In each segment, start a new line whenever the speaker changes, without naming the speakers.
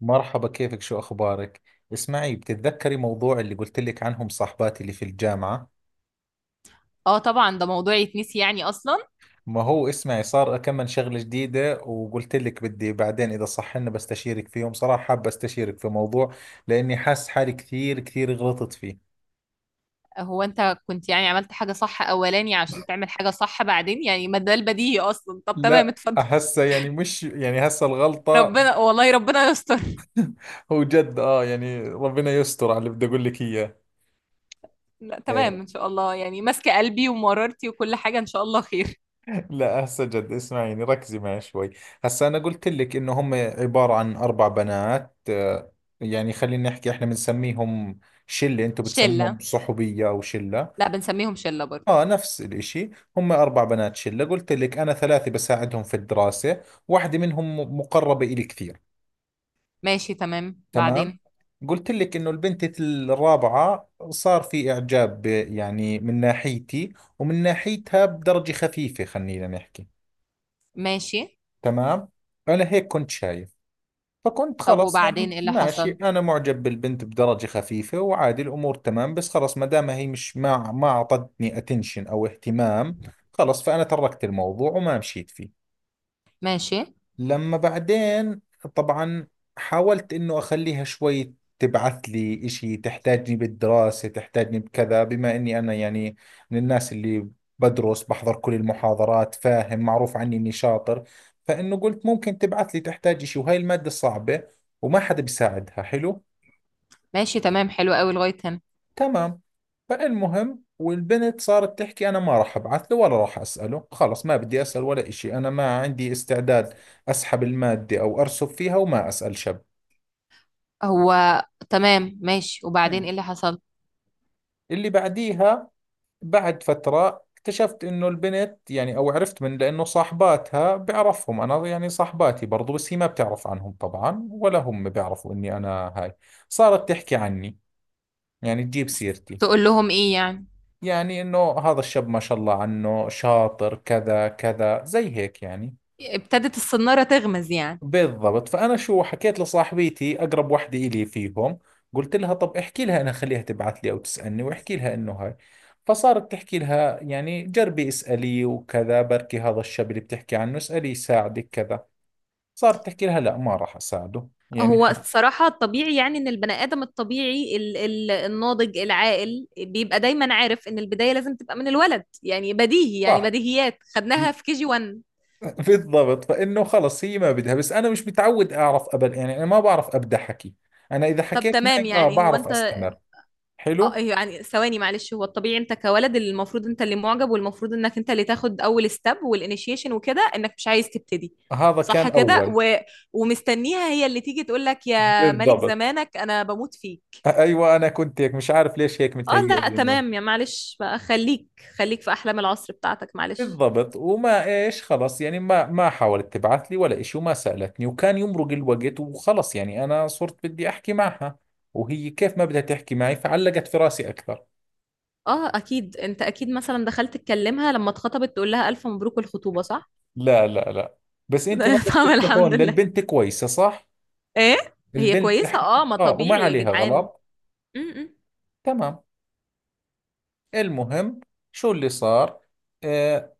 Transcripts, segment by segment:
مرحبا، كيفك؟ شو أخبارك؟ اسمعي، بتتذكري موضوع اللي قلت لك عنهم صاحباتي اللي في الجامعة؟
اه، طبعا ده موضوع يتنسي يعني اصلا.
ما هو اسمعي، صار أكمل شغلة جديدة وقلت لك بدي بعدين إذا صح لنا بستشيرك فيهم. صراحة حاب أستشيرك في موضوع لأني حاسس حالي كثير كثير غلطت فيه.
هو انت كنت يعني عملت حاجة صح اولاني عشان تعمل حاجة صح بعدين، يعني ما ده البديهي اصلا. طب تمام،
لا
اتفضل.
هسه يعني مش يعني هسه الغلطة.
ربنا، والله ربنا يستر.
هو جد آه يعني ربنا يستر على اللي بدي أقول لك إياه.
لا تمام، ان شاء الله، يعني ماسكة قلبي ومرارتي وكل حاجة، ان شاء الله خير.
لا هسه جد، اسمعيني ركزي معي شوي. هسه انا قلت لك انه هم عبارة عن اربع بنات، يعني خلينا نحكي احنا بنسميهم شلة. انتم
شلة.
بتسموهم صحوبية او شلة؟
لا بنسميهم شلة برضه.
اه، نفس الاشي. هم اربع بنات شلة، قلت لك انا ثلاثة بساعدهم في الدراسة. واحدة منهم مقربة الي كثير.
ماشي تمام،
تمام،
بعدين.
قلت لك انه البنت الرابعة صار في اعجاب، يعني من ناحيتي ومن ناحيتها بدرجة خفيفة، خلينا نحكي.
ماشي.
تمام. أنا هيك كنت شايف، فكنت
طب
خلص
وبعدين
يعني
ايه اللي
ماشي،
حصل؟
أنا معجب بالبنت بدرجة خفيفة وعادي الأمور تمام. بس خلص ما دام هي مش ما أعطتني اتنشن أو اهتمام، خلص فأنا تركت الموضوع وما مشيت فيه.
ماشي.
لما بعدين طبعا حاولت انه اخليها شوي تبعث لي اشي، تحتاجني بالدراسة تحتاجني بكذا، بما اني انا يعني من الناس اللي بدرس بحضر كل المحاضرات، فاهم؟ معروف عني اني شاطر، فانه قلت ممكن تبعث لي تحتاج اشي وهاي المادة صعبة وما حدا بيساعدها. حلو.
ماشي تمام، حلو قوي لغاية هنا.
تمام. فالمهم والبنت صارت تحكي أنا ما راح أبعث له ولا راح أسأله، خلص ما بدي أسأل ولا إشي، أنا ما عندي استعداد. أسحب المادة أو أرسب فيها وما أسأل شب.
هو. تمام ماشي، وبعدين ايه
مم.
اللي حصل؟
اللي بعديها بعد فترة اكتشفت إنه البنت يعني أو عرفت من، لأنه صاحباتها بعرفهم أنا، يعني صاحباتي برضو، بس هي ما بتعرف عنهم طبعا ولا هم بيعرفوا إني أنا هاي. صارت تحكي عني، يعني تجيب سيرتي،
تقول لهم ايه يعني؟
يعني انه هذا الشاب ما شاء الله عنه شاطر كذا كذا زي هيك يعني.
ابتدت الصنارة تغمز يعني.
بالضبط. فانا شو حكيت لصاحبتي اقرب وحده الي فيهم، قلت لها طب احكي لها انا، خليها تبعث لي او تسالني، واحكي لها انه هاي. فصارت تحكي لها يعني جربي اسالي وكذا، بركي هذا الشاب اللي بتحكي عنه اسالي يساعدك كذا. صارت تحكي لها لا ما راح اساعده، يعني
هو
حق.
الصراحة الطبيعي، يعني إن البني آدم الطبيعي ال ال الناضج العاقل بيبقى دايما عارف إن البداية لازم تبقى من الولد، يعني بديهي، يعني
صح.
بديهيات خدناها في كي جي 1.
بالضبط. فانه خلص هي ما بدها. بس انا مش متعود اعرف ابدا، يعني انا ما بعرف ابدا حكي. انا اذا
طب
حكيت
تمام،
معك
يعني هو
بعرف
أنت
استمر.
آه
حلو.
إيه، يعني ثواني معلش، هو الطبيعي أنت كولد اللي المفروض أنت اللي معجب، والمفروض إنك أنت اللي تاخد أول ستيب والإنيشيشن وكده، إنك مش عايز تبتدي.
هذا
صح
كان
كده
اول.
و... ومستنيها هي اللي تيجي تقول لك يا ملك
بالضبط.
زمانك أنا بموت فيك.
ايوه انا كنت هيك، مش عارف ليش هيك
اه
متهيئ
لا
لي انه.
تمام يا، معلش بقى، خليك. خليك في احلام العصر بتاعتك معلش.
بالضبط. وما ايش خلص يعني ما حاولت تبعث لي ولا إشي وما سالتني وكان يمرق الوقت. وخلص يعني انا صرت بدي احكي معها وهي كيف ما بدها تحكي معي، فعلقت في راسي اكثر.
اه اكيد انت اكيد مثلا دخلت تكلمها لما اتخطبت تقول لها الف مبروك الخطوبه صح.
لا لا لا، بس انت نظرة
طب الحمد
التليفون
لله.
للبنت كويسة صح؟
ايه. هي
البنت
كويسه،
لح...
اه ما
اه وما
طبيعي يا
عليها
جدعان.
غلط.
م-م.
تمام. المهم شو اللي صار، آه،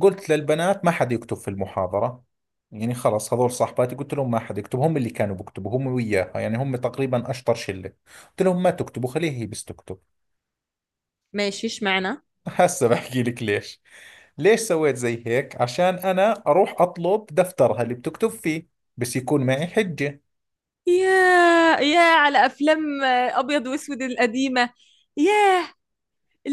قلت للبنات ما حد يكتب في المحاضرة. يعني خلص هذول صاحباتي قلت لهم ما حد يكتب، هم اللي كانوا بيكتبوا هم وياها، يعني هم تقريبا اشطر شلة. قلت لهم ما تكتبوا خليها هي بس تكتب.
ماشي، اشمعنى؟
هسه بحكي لك ليش. ليش سويت زي هيك؟ عشان انا اروح اطلب دفترها اللي بتكتب فيه بس يكون معي حجة.
يا يا على افلام ابيض واسود القديمه. ياه.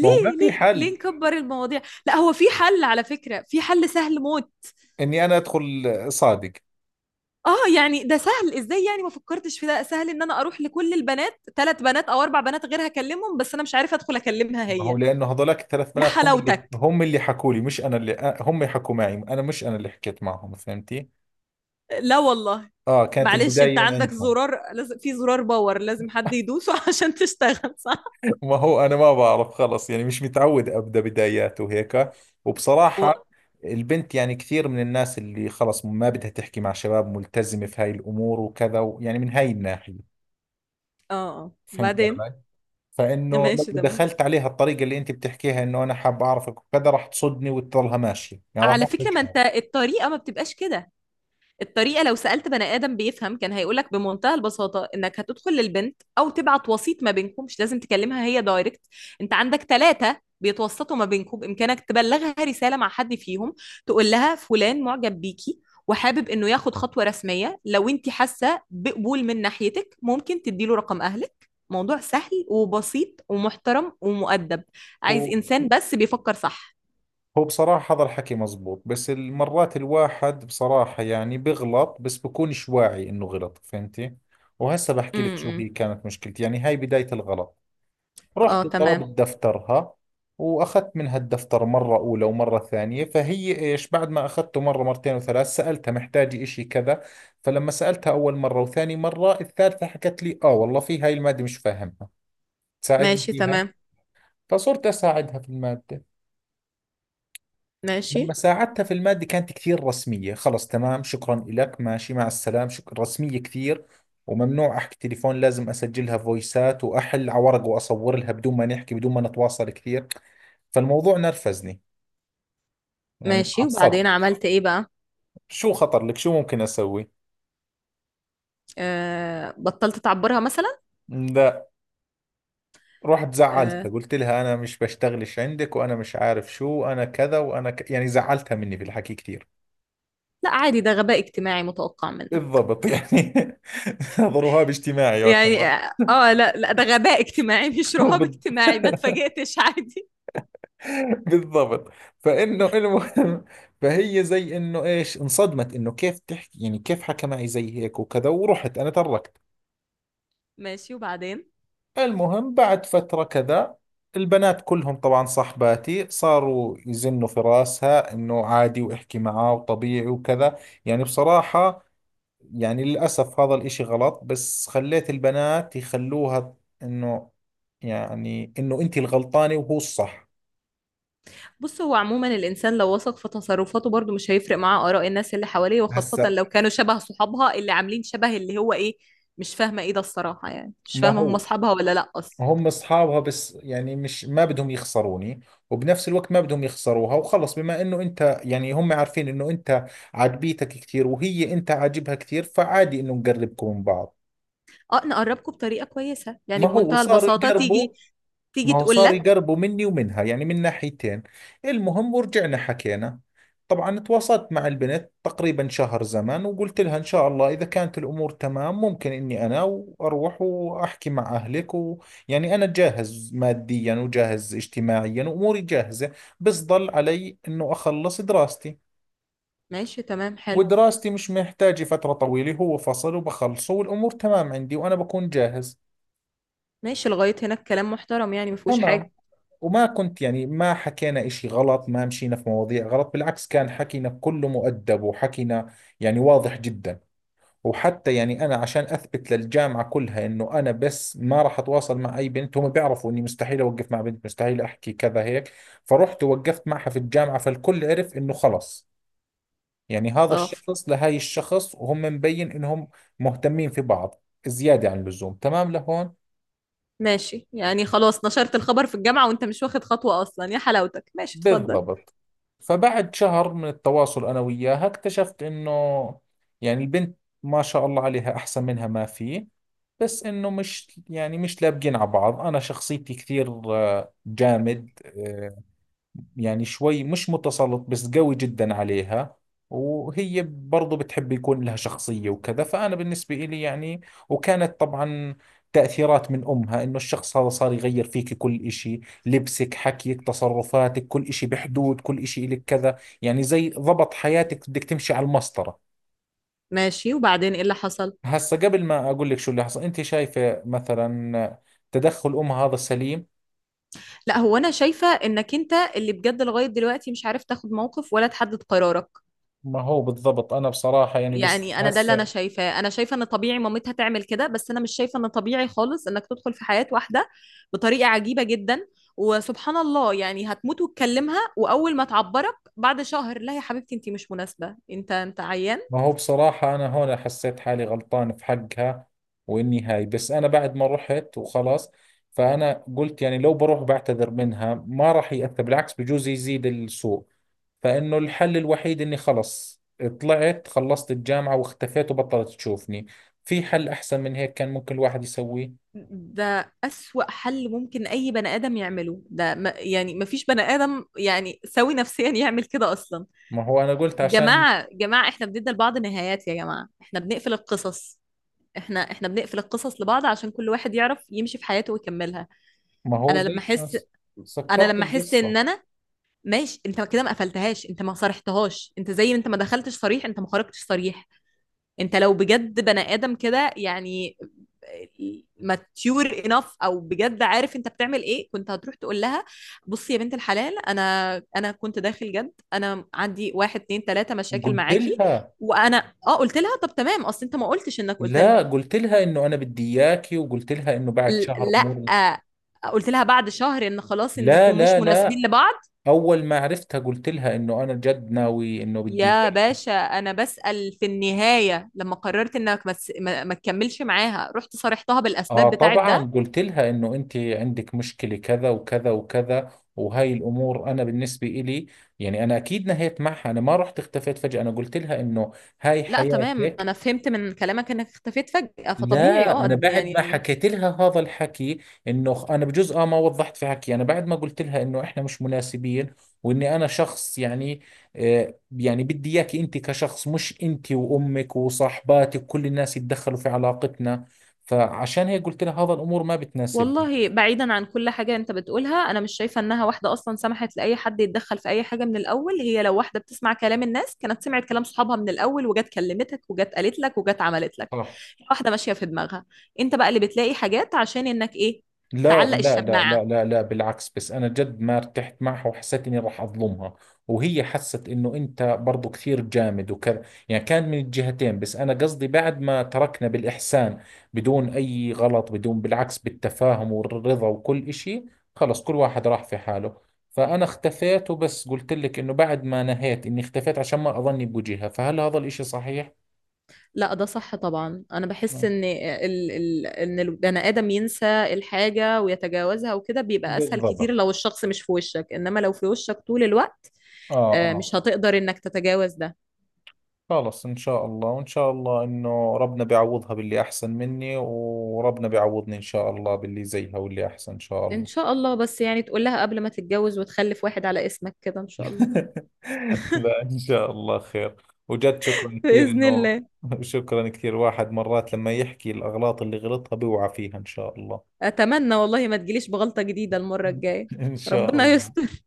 ما هو ما
ليه
في
ليه
حل
نكبر المواضيع؟ لا هو في حل، على فكره في حل سهل موت.
اني انا ادخل. صادق.
اه يعني ده سهل ازاي؟ يعني ما فكرتش في ده؟ سهل ان انا اروح لكل البنات، ثلاث بنات او اربع بنات غير، هكلمهم بس انا مش عارفه ادخل اكلمها
ما هو
هي.
لانه هذولاك الثلاث
يا
بنات هم اللي
حلاوتك.
هم اللي حكوا لي، مش انا اللي، هم حكوا معي، انا مش انا اللي حكيت معهم. فهمتي؟
لا والله.
اه، كانت
معلش
البدايه
انت
من
عندك
عندهم.
زرار، لازم في زرار باور لازم حد يدوسه عشان تشتغل صح.
ما هو انا ما بعرف خلص، يعني مش متعود ابدا بدايات وهيك.
و...
وبصراحه
اه
البنت يعني كثير من الناس اللي خلص ما بدها تحكي مع شباب، ملتزمه في هاي الامور وكذا يعني من هاي الناحيه.
آه.
فهمت
بعدين.
علي؟ فانه لو
ماشي تمام.
دخلت عليها الطريقه اللي انت بتحكيها انه انا حاب اعرفك وكذا، راح تصدني وتضلها ماشيه، يعني راح
على فكرة
احرج
ما انت الطريقة ما بتبقاش كده. الطريقة لو سألت بني آدم بيفهم كان هيقولك بمنتهى البساطة إنك هتدخل للبنت أو تبعت وسيط ما بينكم، مش لازم تكلمها هي دايركت. أنت عندك ثلاثة بيتوسطوا ما بينكم، بإمكانك تبلغها رسالة مع حد فيهم. تقول لها فلان معجب بيكي، وحابب إنه ياخد خطوة رسمية، لو أنت حاسة بقبول من ناحيتك ممكن تديله رقم أهلك، موضوع سهل وبسيط ومحترم ومؤدب. عايز
حالي.
إنسان بس بيفكر صح.
هو بصراحة هذا الحكي مزبوط. بس المرات الواحد بصراحة يعني بغلط بس بكونش واعي انه غلط، فهمتي؟ وهسه بحكي لك شو
امم.
هي كانت مشكلتي، يعني هاي بداية الغلط.
اه
رحت
تمام.
طلبت دفترها واخذت منها الدفتر مرة اولى ومرة ثانية، فهي ايش بعد ما اخذته مرة مرتين وثلاث سألتها محتاجة اشي كذا. فلما سألتها اول مرة وثاني مرة الثالثة حكت لي اه والله في هاي المادة مش فاهمها، تساعدني
ماشي
فيها.
تمام.
فصرت اساعدها في المادة. لما
ماشي.
ساعدتها في المادة كانت كثير رسمية. خلص تمام شكرا لك ماشي مع السلام شكرا، رسمية كثير. وممنوع أحكي تليفون، لازم أسجلها فويسات وأحل على ورق وأصور لها بدون ما نحكي، بدون ما نتواصل كثير. فالموضوع نرفزني، يعني
ماشي،
تعصبت.
وبعدين عملت ايه بقى؟
شو خطر لك شو ممكن أسوي؟
آه بطلت تعبرها مثلا؟
لا، رحت
آه.
زعلتها قلت لها أنا مش بشتغلش عندك وأنا مش عارف شو أنا كذا وأنا يعني زعلتها مني في الحكي كثير.
لا عادي، ده غباء اجتماعي متوقع منك.
بالضبط يعني. ضربها باجتماعي
يعني
يعتبر.
اه لا لا ده غباء اجتماعي مش رهاب اجتماعي، ما اتفاجئتش عادي.
بالضبط. فانه المهم. فهي زي انه ايش انصدمت انه كيف تحكي يعني كيف حكى معي زي هيك وكذا، ورحت انا تركت.
ماشي، وبعدين؟
المهم بعد فترة كذا البنات كلهم طبعا صحباتي صاروا يزنوا في راسها انه عادي واحكي معاه وطبيعي وكذا. يعني بصراحة، يعني للأسف هذا الاشي غلط، بس خليت البنات يخلوها انه، يعني انه انت الغلطانة وهو الصح.
بص، هو عموما الانسان لو وثق في تصرفاته برضو مش هيفرق معاه اراء الناس اللي حواليه، وخاصة
هسا.
لو كانوا شبه صحابها اللي عاملين شبه اللي هو ايه. مش فاهمة ايه ده الصراحة، يعني مش
ما
فاهمة هم
هو
اصحابها ولا لا اصلا.
هم اصحابها، بس يعني مش ما بدهم يخسروني، وبنفس الوقت ما بدهم يخسروها، وخلص بما انه انت يعني هم عارفين انه انت عاجبيتك كثير وهي انت عاجبها كثير فعادي انه نقربكم من بعض.
اه نقربكم بطريقة كويسة، يعني
ما هو
بمنتهى
صاروا صح
البساطة
يقربوا.
تيجي
ما
تيجي
هو
تقول
صار
لك.
يقربوا مني ومنها يعني من ناحيتين. المهم ورجعنا حكينا. طبعا تواصلت مع البنت تقريبا شهر زمن وقلت لها إن شاء الله إذا كانت الأمور تمام ممكن إني أنا وأروح وأحكي مع أهلك، ويعني أنا جاهز ماديا وجاهز اجتماعيا وأموري جاهزة. بس ضل علي إنه أخلص دراستي،
ماشي تمام، حلو.
ودراستي مش محتاجة فترة طويلة، هو فصل وبخلصه والأمور تمام عندي وأنا بكون جاهز.
ماشي لغاية هنا الكلام محترم، يعني مفهوش
تمام.
حاجة.
وما كنت يعني ما حكينا إشي غلط، ما مشينا في مواضيع غلط، بالعكس كان حكينا كله مؤدب وحكينا يعني واضح جدا. وحتى يعني أنا عشان أثبت للجامعة كلها إنه أنا بس ما راح أتواصل مع أي بنت، هم بيعرفوا إني مستحيل أوقف مع بنت مستحيل أحكي كذا هيك. فرحت ووقفت معها في الجامعة فالكل عرف إنه خلص، يعني هذا
اه.
الشخص لهاي الشخص وهم مبين إنهم مهتمين في بعض زيادة عن اللزوم. تمام لهون.
ماشي يعني، خلاص نشرت الخبر في الجامعة وانت مش واخد خطوة اصلا يا حلاوتك، ماشي اتفضل.
بالضبط. فبعد شهر من التواصل أنا وياها اكتشفت إنه يعني البنت ما شاء الله عليها أحسن منها ما في، بس إنه مش يعني مش لابقين على بعض. أنا شخصيتي كثير جامد، يعني شوي مش متسلط بس قوي جدا عليها، وهي برضو بتحب يكون لها شخصية وكذا، فأنا بالنسبة إلي يعني. وكانت طبعا تأثيرات من أمها إنه الشخص هذا صار يغير فيك كل إشي، لبسك حكيك تصرفاتك كل إشي بحدود، كل إشي إلك كذا، يعني زي ضبط حياتك بدك تمشي على المسطرة.
ماشي، وبعدين ايه اللي حصل؟
هسا قبل ما أقول لك شو اللي حصل، أنت شايفة مثلا تدخل أمها هذا سليم؟
لا هو انا شايفة انك انت اللي بجد لغاية دلوقتي مش عارف تاخد موقف ولا تحدد قرارك.
ما هو بالضبط أنا بصراحة يعني بس
يعني انا ده اللي انا
هسا.
شايفاه، انا شايفه ان طبيعي مامتها تعمل كده، بس انا مش شايفه ان طبيعي خالص انك تدخل في حياه واحده بطريقه عجيبه جدا. وسبحان الله يعني، هتموت وتكلمها واول ما تعبرك بعد شهر لا يا حبيبتي انت مش مناسبه، انت انت عيان.
ما هو بصراحة أنا هون حسيت حالي غلطان في حقها، وإني هاي بس أنا بعد ما رحت وخلاص. فأنا قلت يعني لو بروح بعتذر منها ما راح يأثر، بالعكس بجوز يزيد السوء، فإنه الحل الوحيد إني خلص طلعت خلصت الجامعة واختفيت وبطلت تشوفني. في حل أحسن من هيك كان ممكن الواحد يسويه؟
ده أسوأ حل ممكن أي بني آدم يعمله، ده ما يعني ما فيش بني آدم يعني سوي نفسيا يعمل كده أصلا.
ما هو أنا قلت عشان.
جماعة جماعة إحنا بندي لبعض نهايات، يا جماعة إحنا بنقفل القصص. إحنا بنقفل القصص لبعض عشان كل واحد يعرف يمشي في حياته ويكملها.
ما هو
أنا لما
زي.
أحس أنا
سكرت
لما أحس
القصة.
إن أنا، ماشي أنت كده ما قفلتهاش، أنت ما صرحتهاش، أنت زي ما أنت ما دخلتش صريح أنت ما خرجتش صريح. انت لو بجد بني ادم كده، يعني ماتيور انف او بجد عارف انت بتعمل ايه، كنت هتروح تقول لها بصي يا بنت الحلال، انا كنت داخل جد، انا عندي واحد اتنين تلاته مشاكل
قلت
معاكي.
لها.
وانا قلت لها طب تمام، اصل انت ما قلتش انك قلت لها.
لا قلت لها إنه أنا بدي إياكي، وقلت لها إنه بعد
ل-
شهر
لا
أمور.
قلت لها بعد شهر ان خلاص
لا
انكم مش
لا لا.
مناسبين لبعض.
اول ما عرفتها قلت لها انه انا جد ناوي انه بدي
يا
إياك.
باشا انا بسأل، في النهاية لما قررت انك ما تس- ما ما تكملش معاها، رحت صارحتها
اه
بالاسباب بتاعت
طبعا
ده؟
قلت لها انه انت عندك مشكلة كذا وكذا وكذا وهاي الامور انا بالنسبة إلي يعني، انا اكيد نهيت معها، انا ما رحت اختفيت فجأة، انا قلت لها انه هاي
لا تمام،
حياتك.
انا فهمت من كلامك انك اختفيت فجأة فطبيعي
لا انا
اه
بعد ما
يعني.
حكيت لها هذا الحكي، انه انا بجوز ما وضحت في حكي، انا بعد ما قلت لها انه احنا مش مناسبين، واني انا شخص يعني آه يعني بدي اياكي انت كشخص، مش انت وامك وصاحباتك كل الناس يتدخلوا في علاقتنا. فعشان هيك قلت لها هذا الامور ما بتناسبني.
والله بعيدا عن كل حاجة انت بتقولها، انا مش شايفة انها واحدة اصلا سمحت لأي حد يتدخل في اي حاجة من الاول، هي لو واحدة بتسمع كلام الناس كانت سمعت كلام صحابها من الاول وجت كلمتك وجت قالت لك وجت عملت لك.
صح.
واحدة ماشية في دماغها. انت بقى اللي بتلاقي حاجات عشان انك ايه،
لا
تعلق
لا لا
الشماعة.
لا لا لا، بالعكس. بس انا جد ما ارتحت معها وحسيت اني راح اظلمها، وهي حست انه انت برضو كثير جامد وكذا، يعني كان من الجهتين. بس انا قصدي بعد ما تركنا بالاحسان، بدون اي غلط، بدون، بالعكس بالتفاهم والرضا وكل اشي، خلص كل واحد راح في حاله. فانا اختفيت، وبس قلت لك انه بعد ما نهيت اني اختفيت عشان ما اظني بوجهها. فهل هذا الاشي صحيح؟
لا ده صح طبعا، انا بحس
مم.
ان ان البني ادم ينسى الحاجه ويتجاوزها وكده، بيبقى اسهل كتير
بالضبط.
لو الشخص مش في وشك، انما لو في وشك طول الوقت
اه اه.
مش هتقدر انك تتجاوز ده.
خلص إن شاء الله، وإن شاء الله إنه ربنا بيعوضها باللي أحسن مني، وربنا بيعوضني إن شاء الله باللي زيها واللي أحسن إن شاء
ان
الله.
شاء الله، بس يعني تقول لها قبل ما تتجوز وتخلف واحد على اسمك كده ان شاء الله.
لا إن شاء الله خير. وجد شكرا كثير
باذن
إنه.
الله.
شكرا كثير. واحد مرات لما يحكي الأغلاط اللي غلطها بيوعى فيها إن شاء الله.
اتمنى والله ما تجيليش بغلطه جديده المره الجايه.
إن شاء
ربنا
الله.
يستر.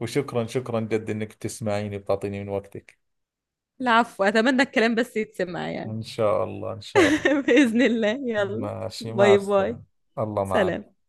وشكرا شكرا جد إنك بتسمعيني بتعطيني من وقتك.
العفو، اتمنى الكلام بس يتسمع يعني.
إن شاء الله إن شاء الله.
باذن الله، يلا.
ماشي مع
باي باي.
السلامة. الله معك.
سلام.